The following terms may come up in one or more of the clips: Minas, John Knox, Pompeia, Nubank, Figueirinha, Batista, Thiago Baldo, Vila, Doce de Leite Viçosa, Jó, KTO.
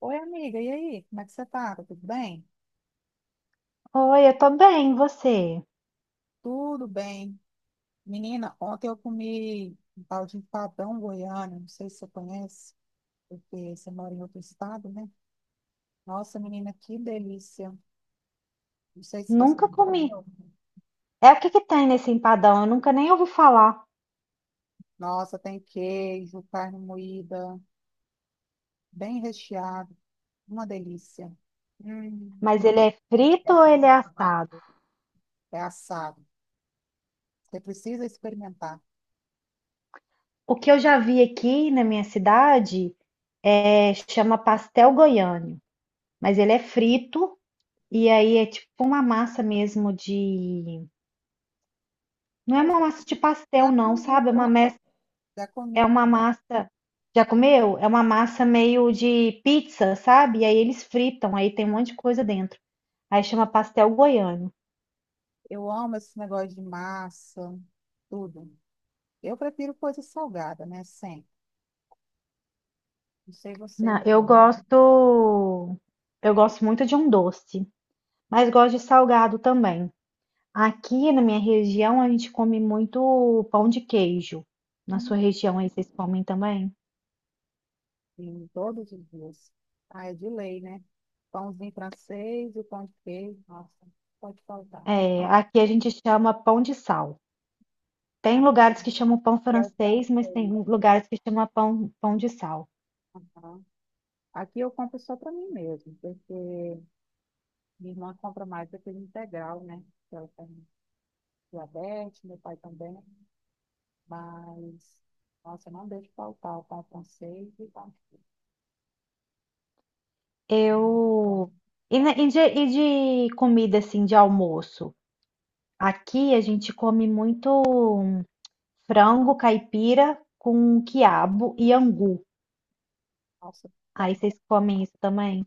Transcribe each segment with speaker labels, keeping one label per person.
Speaker 1: Oi, amiga, e aí? Como é que você tá? Tá tudo bem?
Speaker 2: Oi, eu tô bem, e você?
Speaker 1: Tudo bem. Menina, ontem eu comi um tal de empadão goiano, não sei se você conhece, porque você mora em outro estado, né? Nossa, menina, que delícia. Não sei se você
Speaker 2: Nunca comi.
Speaker 1: entendeu.
Speaker 2: É o que que tem nesse empadão? Eu nunca nem ouvi falar.
Speaker 1: Nossa, tem queijo, carne moída, bem recheado, uma delícia. Hum,
Speaker 2: Mas ele é frito
Speaker 1: é
Speaker 2: ou ele
Speaker 1: bem
Speaker 2: é
Speaker 1: amado.
Speaker 2: assado?
Speaker 1: É assado. Você precisa experimentar.
Speaker 2: O que eu já vi aqui na minha cidade é, chama pastel goiano, mas ele é frito e aí é tipo uma massa mesmo de. Não é
Speaker 1: Ah,
Speaker 2: uma massa de pastel,
Speaker 1: já
Speaker 2: não,
Speaker 1: comi
Speaker 2: sabe? É uma,
Speaker 1: também, já
Speaker 2: é
Speaker 1: comi.
Speaker 2: uma massa. Já comeu? É uma massa meio de pizza, sabe? E aí eles fritam, aí tem um monte de coisa dentro. Aí chama pastel goiano.
Speaker 1: Eu amo esse negócio de massa, tudo. Eu prefiro coisa salgada, né? Sempre. Não sei você, mas
Speaker 2: Eu
Speaker 1: eu
Speaker 2: gosto, eu gosto muito de um doce, mas gosto de salgado também. Aqui na minha região a gente come muito pão de queijo. Na sua região aí vocês comem também?
Speaker 1: em todos os dias. Ah, é de lei, né? Pãozinho francês e o pão de queijo. Nossa, pode faltar.
Speaker 2: É, aqui a gente chama pão de sal. Tem
Speaker 1: Ah,
Speaker 2: lugares que chamam pão
Speaker 1: que é o
Speaker 2: francês, mas tem
Speaker 1: francês.
Speaker 2: lugares que chamam pão de sal.
Speaker 1: Aham. Aqui eu compro só para mim mesmo, porque minha irmã compra mais daquele integral, né? Que ela tem diabetes, meu pai também. Mas, nossa, eu não deixo faltar o pão francês e o pão de queijo.
Speaker 2: Eu e de comida assim de almoço. Aqui a gente come muito frango caipira com quiabo e angu.
Speaker 1: Nossa, bom,
Speaker 2: Aí vocês comem isso também?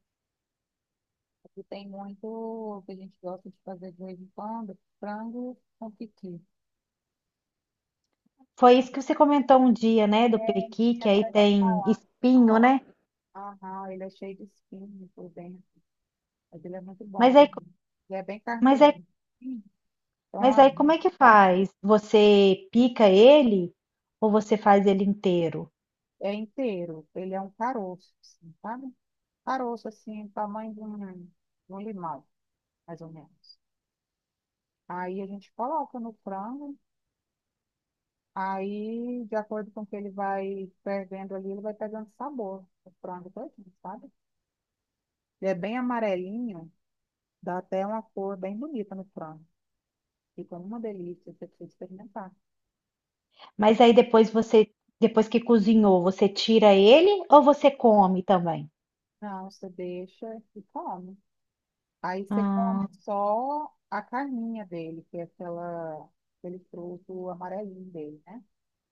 Speaker 1: aqui tem muito o que a gente gosta de fazer de vez em quando, frango com piqui.
Speaker 2: Foi isso que você comentou um dia, né, do
Speaker 1: É,
Speaker 2: pequi,
Speaker 1: tinha
Speaker 2: que aí
Speaker 1: até de
Speaker 2: tem
Speaker 1: falar.
Speaker 2: espinho, né?
Speaker 1: Aham, ele é cheio de espinho por dentro, mas ele é muito
Speaker 2: Mas
Speaker 1: bom.
Speaker 2: aí,
Speaker 1: Ele é bem
Speaker 2: mas aí,
Speaker 1: carnudinho. Sim. Então,
Speaker 2: mas
Speaker 1: a-
Speaker 2: aí como é que faz? Você pica ele ou você faz ele inteiro?
Speaker 1: É inteiro. Ele é um caroço, assim, sabe? Caroço, assim, tamanho de um limão, mais ou menos. Aí a gente coloca no frango, aí, de acordo com o que ele vai fervendo ali, ele vai pegando sabor, o frango todinho, sabe? Ele é bem amarelinho, dá até uma cor bem bonita no frango. Fica uma delícia, você precisa experimentar.
Speaker 2: Mas aí depois você, depois que cozinhou, você tira ele ou você come também?
Speaker 1: Não, você deixa e come. Aí você
Speaker 2: Ah,
Speaker 1: come só a carninha dele, que é aquela, aquele fruto amarelinho dele, né?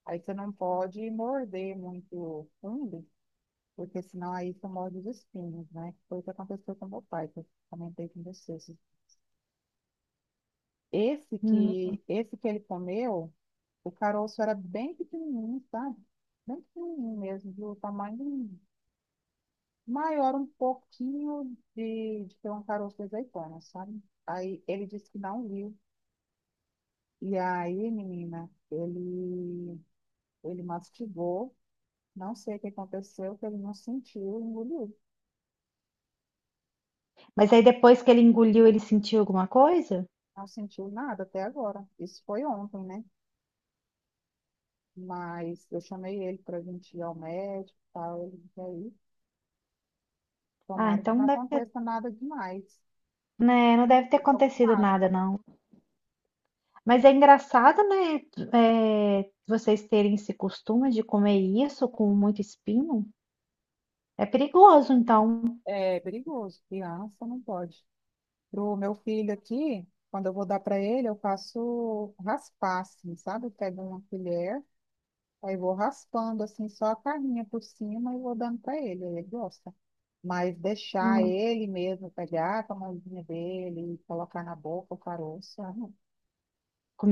Speaker 1: Aí você não pode morder muito fundo, porque senão aí você morde os espinhos, né? Foi o que aconteceu com meu pai, que eu comentei com você. Esse
Speaker 2: hum.
Speaker 1: que, esse que ele comeu, o caroço era bem pequenininho, sabe? Bem pequenininho mesmo, do tamanho maior um pouquinho de ter um caroço de azeitona, sabe? Aí ele disse que não viu. E aí, menina, ele mastigou, não sei o que aconteceu, que ele não sentiu, engoliu.
Speaker 2: Mas aí depois que ele engoliu, ele sentiu alguma coisa?
Speaker 1: Não sentiu nada até agora. Isso foi ontem, né? Mas eu chamei ele para vir ir ao médico e tal. Ele veio.
Speaker 2: Ah,
Speaker 1: Tomara que
Speaker 2: então
Speaker 1: não
Speaker 2: não deve ter,
Speaker 1: aconteça nada demais.
Speaker 2: né, não deve ter
Speaker 1: Fiquei
Speaker 2: acontecido
Speaker 1: preocupada.
Speaker 2: nada, não. Mas é engraçado, né? É, vocês terem esse costume de comer isso com muito espinho. É perigoso, então.
Speaker 1: É perigoso, criança não pode. Pro meu filho aqui, quando eu vou dar para ele, eu faço raspar, assim, sabe? Eu pego uma colher, aí vou raspando, assim, só a carninha por cima e vou dando para ele, aí ele gosta. Mas deixar
Speaker 2: Hum.
Speaker 1: ele mesmo pegar com a mãozinha dele e colocar na boca o caroço, ah, não.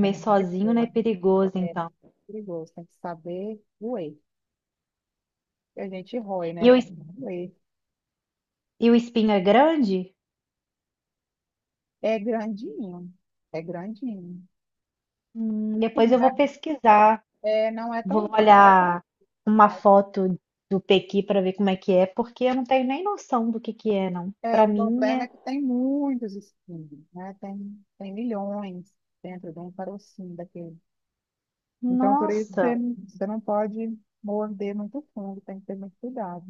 Speaker 1: É muito
Speaker 2: sozinho, né? É
Speaker 1: perigoso.
Speaker 2: perigoso,
Speaker 1: É
Speaker 2: então.
Speaker 1: muito perigoso, tem que saber roer. A gente rói,
Speaker 2: E
Speaker 1: né?
Speaker 2: o,
Speaker 1: Pra
Speaker 2: es-
Speaker 1: não roer.
Speaker 2: e o espinho é grande?
Speaker 1: É grandinho, é grandinho. Sim,
Speaker 2: Depois
Speaker 1: não
Speaker 2: eu
Speaker 1: é,
Speaker 2: vou pesquisar.
Speaker 1: não é tão
Speaker 2: Vou
Speaker 1: bom.
Speaker 2: olhar uma foto do Pequi para ver como é que é, porque eu não tenho nem noção do que é, não.
Speaker 1: É,
Speaker 2: Para
Speaker 1: o
Speaker 2: mim
Speaker 1: problema
Speaker 2: é.
Speaker 1: é que tem muitos espinhos, né? Tem, tem milhões dentro de um carocinho daquele. Então, por isso,
Speaker 2: Nossa!
Speaker 1: você não pode morder muito fundo, tem que ter muito cuidado.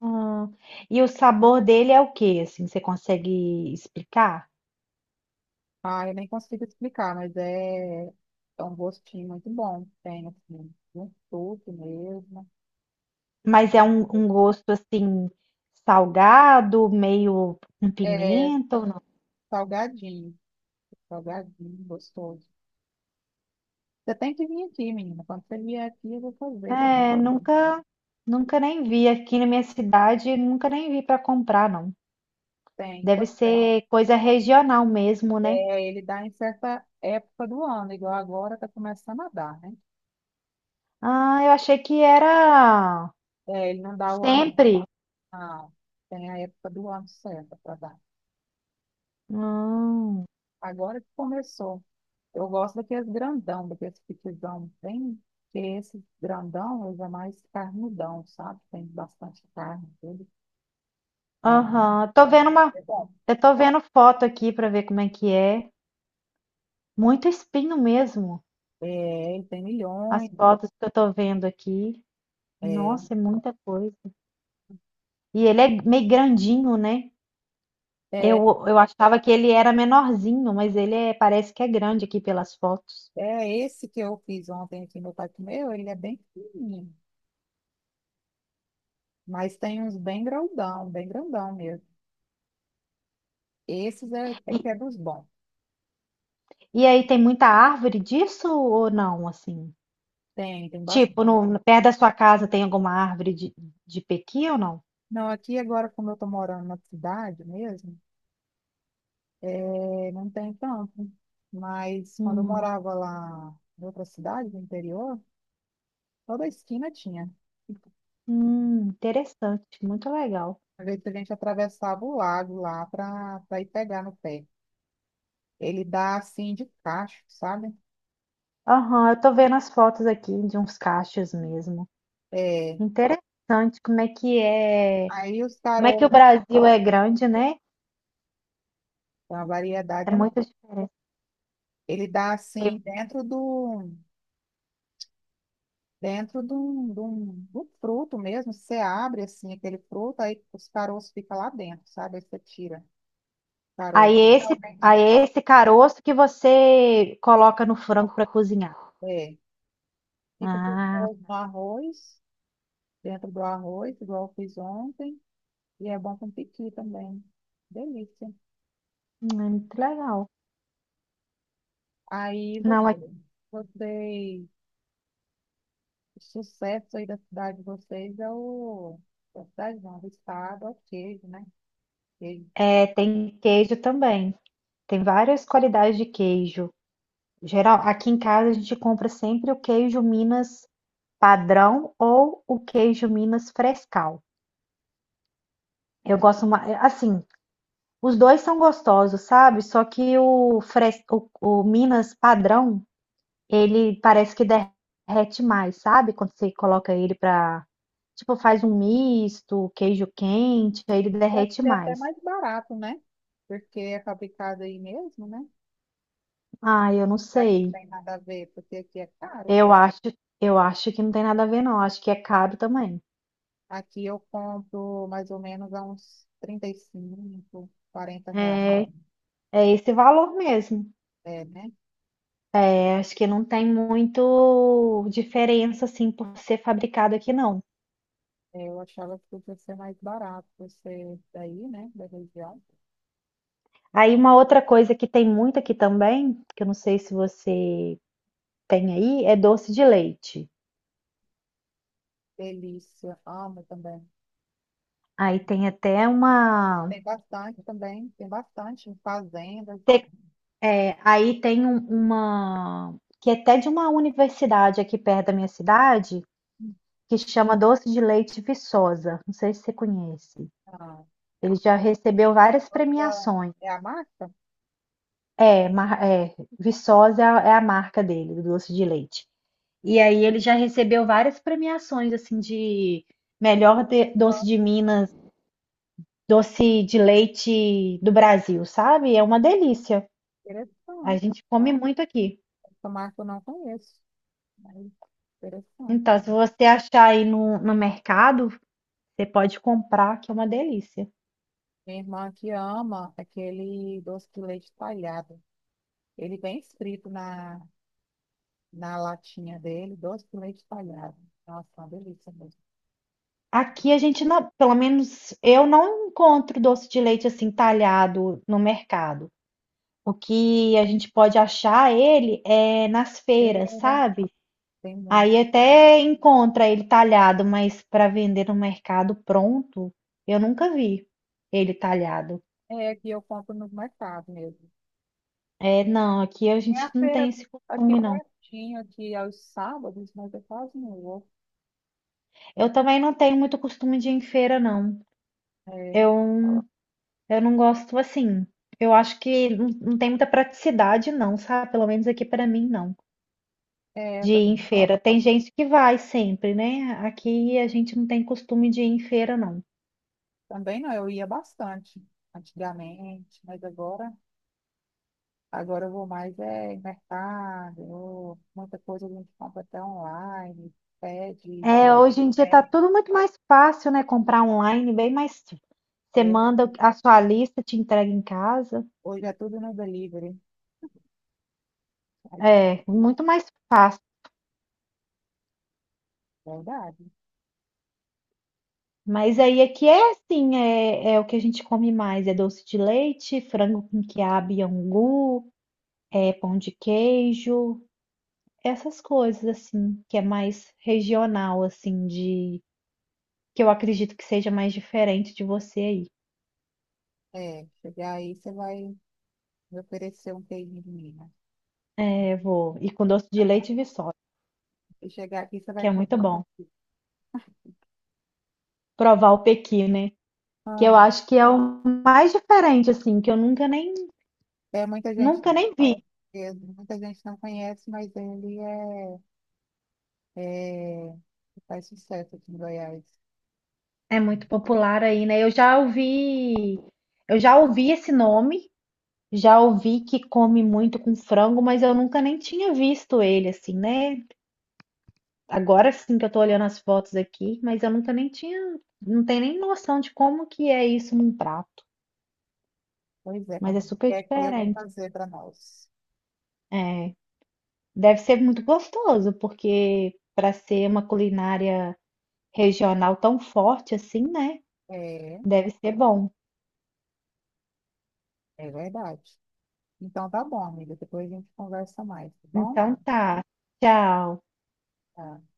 Speaker 2: Hum. E o sabor dele é o que? Assim, você consegue explicar?
Speaker 1: Ah, eu nem consigo explicar, mas é um gostinho muito bom. Tem, assim, um suco mesmo.
Speaker 2: Mas é um, um gosto assim salgado, meio com
Speaker 1: É
Speaker 2: pimenta ou não?
Speaker 1: salgadinho, salgadinho, gostoso. Você tem que vir aqui, menina. Quando você vier aqui, eu vou fazer. Pra
Speaker 2: É,
Speaker 1: mim.
Speaker 2: nunca, nunca nem vi aqui na minha cidade, nunca nem vi para comprar, não.
Speaker 1: Tem,
Speaker 2: Deve
Speaker 1: pode ser.
Speaker 2: ser coisa regional mesmo, né?
Speaker 1: É, ele dá em certa época do ano, igual agora está começando a dar, né?
Speaker 2: Ah, eu achei que era
Speaker 1: É, ele não dá o ano,
Speaker 2: sempre.
Speaker 1: não. Tem a época do ano certa para dar.
Speaker 2: Hum.
Speaker 1: Agora que começou. Eu gosto daqueles grandão, daqueles pitizão bem, que esse grandão usa mais carnudão, sabe? Tem bastante carne, tudo. Ai,
Speaker 2: Aham, tô
Speaker 1: então,
Speaker 2: vendo uma,
Speaker 1: é bom.
Speaker 2: eu tô vendo foto aqui para ver como é que é. Muito espinho mesmo.
Speaker 1: É, ele tem
Speaker 2: As
Speaker 1: milhões.
Speaker 2: fotos que eu tô vendo aqui.
Speaker 1: É,
Speaker 2: Nossa, é muita coisa. E ele é meio grandinho, né? Eu,
Speaker 1: é
Speaker 2: eu achava que ele era menorzinho, mas parece que é grande aqui pelas fotos.
Speaker 1: É esse que eu fiz ontem aqui, meu pai comeu, ele é bem fininho, mas tem uns bem grandão mesmo. É
Speaker 2: E,
Speaker 1: que é dos bons.
Speaker 2: e aí tem muita árvore disso ou não, assim?
Speaker 1: Tem, tem bastante.
Speaker 2: Tipo, perto da sua casa tem alguma árvore de pequi ou não?
Speaker 1: Não, aqui agora, como eu tô morando na cidade mesmo, não tem tanto. Mas quando eu
Speaker 2: Hum,
Speaker 1: morava lá em outra cidade, no interior, toda esquina tinha.
Speaker 2: interessante, muito legal.
Speaker 1: Às vezes a gente atravessava o lago lá para ir pegar no pé. Ele dá assim de cacho, sabe?
Speaker 2: Aham, eu tô vendo as fotos aqui de uns cachos mesmo.
Speaker 1: É,
Speaker 2: Interessante como é que é,
Speaker 1: aí os
Speaker 2: como é que o
Speaker 1: tarô
Speaker 2: Brasil é grande, né?
Speaker 1: tem uma variedade
Speaker 2: É
Speaker 1: enorme.
Speaker 2: muito diferente.
Speaker 1: Ele dá assim dentro do fruto mesmo. Você abre assim aquele fruto, aí os caroços ficam lá dentro, sabe? Aí você tira o
Speaker 2: Aí
Speaker 1: caroço.
Speaker 2: é esse,
Speaker 1: Realmente
Speaker 2: aí
Speaker 1: tem
Speaker 2: é esse caroço que você
Speaker 1: que
Speaker 2: coloca no
Speaker 1: tirar.
Speaker 2: frango para cozinhar.
Speaker 1: É, fica
Speaker 2: Ah,
Speaker 1: gostoso no arroz, dentro do arroz, igual eu fiz ontem, e é bom com piqui também. Delícia.
Speaker 2: é muito legal.
Speaker 1: Aí você,
Speaker 2: Não,
Speaker 1: vocês, o sucesso aí da cidade de vocês é o, da cidade não, do estado, é o queijo, né? Queijo.
Speaker 2: tem queijo também. Tem várias qualidades de queijo. Geral, aqui em casa a gente compra sempre o queijo Minas padrão ou o queijo Minas frescal. Eu gosto mais, assim, os dois são gostosos, sabe? Só que o Minas padrão, ele parece que derrete mais, sabe? Quando você coloca ele pra. Tipo, faz um misto, queijo quente, aí ele
Speaker 1: Deve
Speaker 2: derrete
Speaker 1: ser até
Speaker 2: mais.
Speaker 1: mais barato, né? Porque é fabricado aí mesmo, né?
Speaker 2: Ah, eu não
Speaker 1: Já que não
Speaker 2: sei.
Speaker 1: tem nada a ver, porque aqui é caro.
Speaker 2: Eu acho, eu acho que não tem nada a ver, não. Acho que é caro também.
Speaker 1: Aqui eu compro mais ou menos a uns 35, 40 reais.
Speaker 2: É, é esse valor mesmo.
Speaker 1: É, né?
Speaker 2: É, acho que não tem muito diferença, assim, por ser fabricado aqui, não.
Speaker 1: É, eu achava que podia ser mais barato você daí, né? Da região.
Speaker 2: Aí uma outra coisa que tem muito aqui também, que eu não sei se você tem aí, é doce de leite.
Speaker 1: Delícia, amo também.
Speaker 2: Aí tem até uma.
Speaker 1: Tem bastante também, tem bastante em fazendas.
Speaker 2: É, aí tem uma que é até de uma universidade aqui perto da minha cidade, que chama Doce de Leite Viçosa. Não sei se você conhece.
Speaker 1: Ah,
Speaker 2: Ele já recebeu várias
Speaker 1: essa
Speaker 2: premiações.
Speaker 1: é a marca?
Speaker 2: É, mar- é, Viçosa é a marca dele, do doce de leite. E aí ele já recebeu várias premiações assim de melhor doce de Minas, doce de leite do Brasil, sabe? É uma delícia. A
Speaker 1: Interessante.
Speaker 2: gente come muito aqui.
Speaker 1: Essa marca eu não conheço. Ai, interessante.
Speaker 2: Então, se você achar aí no mercado, você pode comprar, que é uma delícia.
Speaker 1: Minha irmã que ama aquele doce de leite talhado. Ele vem escrito na latinha dele, doce de leite talhado. Nossa, uma delícia mesmo.
Speaker 2: Aqui a gente não, pelo menos eu não encontro doce de leite assim talhado no mercado. O que a gente pode achar ele é nas feiras,
Speaker 1: Feira,
Speaker 2: sabe?
Speaker 1: tem
Speaker 2: Aí
Speaker 1: muito.
Speaker 2: até encontra ele talhado, mas para vender no mercado pronto, eu nunca vi ele talhado.
Speaker 1: É que eu compro no mercado mesmo.
Speaker 2: É, não, aqui a
Speaker 1: É a
Speaker 2: gente não tem
Speaker 1: feira
Speaker 2: esse
Speaker 1: aqui
Speaker 2: costume, não.
Speaker 1: pertinho, aqui aos sábados, mas eu quase não vou.
Speaker 2: Eu também não tenho muito costume de ir em feira, não.
Speaker 1: É,
Speaker 2: Eu Eu não gosto assim. Eu acho que não tem muita praticidade, não, sabe? Pelo menos aqui pra mim, não.
Speaker 1: é,
Speaker 2: De ir em
Speaker 1: tam-
Speaker 2: feira. Tem gente que vai sempre, né? Aqui a gente não tem costume de ir em feira, não.
Speaker 1: também não, eu ia bastante antigamente, mas agora. Agora eu vou mais em mercado, muita coisa a gente compra até online, pede.
Speaker 2: É, hoje em dia tá
Speaker 1: Né?
Speaker 2: tudo muito mais fácil, né? Comprar online, bem mais. Você
Speaker 1: É,
Speaker 2: manda a sua lista, te entrega em casa.
Speaker 1: hoje é tudo no delivery. Aí disse, "Ah,
Speaker 2: É, muito mais fácil.
Speaker 1: verdade.
Speaker 2: Mas aí aqui é assim, é o que a gente come mais, é doce de leite, frango com quiabo e angu, é pão de queijo. Essas coisas, assim, que é mais regional, assim, de... Que eu acredito que seja mais diferente de você aí.
Speaker 1: É, chegar aí você vai me oferecer um queijinho de Minas.
Speaker 2: É, vou. E com doce de leite e viçosa,
Speaker 1: E chegar aqui você vai
Speaker 2: que é
Speaker 1: comer.
Speaker 2: muito bom. Provar o pequi, né? Que eu
Speaker 1: Ah,
Speaker 2: acho que é o mais diferente, assim, que eu nunca nem,
Speaker 1: é muita gente,
Speaker 2: nunca nem vi.
Speaker 1: muita gente não conhece, mas ele é faz sucesso aqui em Goiás.
Speaker 2: É muito popular aí, né? Eu já ouvi esse nome, já ouvi que come muito com frango, mas eu nunca nem tinha visto ele, assim, né? Agora sim que eu tô olhando as fotos aqui, mas eu nunca nem tinha, não tenho nem noção de como que é isso num prato,
Speaker 1: Pois é,
Speaker 2: mas é
Speaker 1: Carmen. E
Speaker 2: super
Speaker 1: aqui eu vou
Speaker 2: diferente.
Speaker 1: fazer para nós.
Speaker 2: É, deve ser muito gostoso, porque para ser uma culinária regional tão forte assim, né?
Speaker 1: É,
Speaker 2: Deve ser bom.
Speaker 1: é verdade. Então tá bom, amiga. Depois a gente conversa mais, tá bom?
Speaker 2: Então tá. Tchau.
Speaker 1: Tá.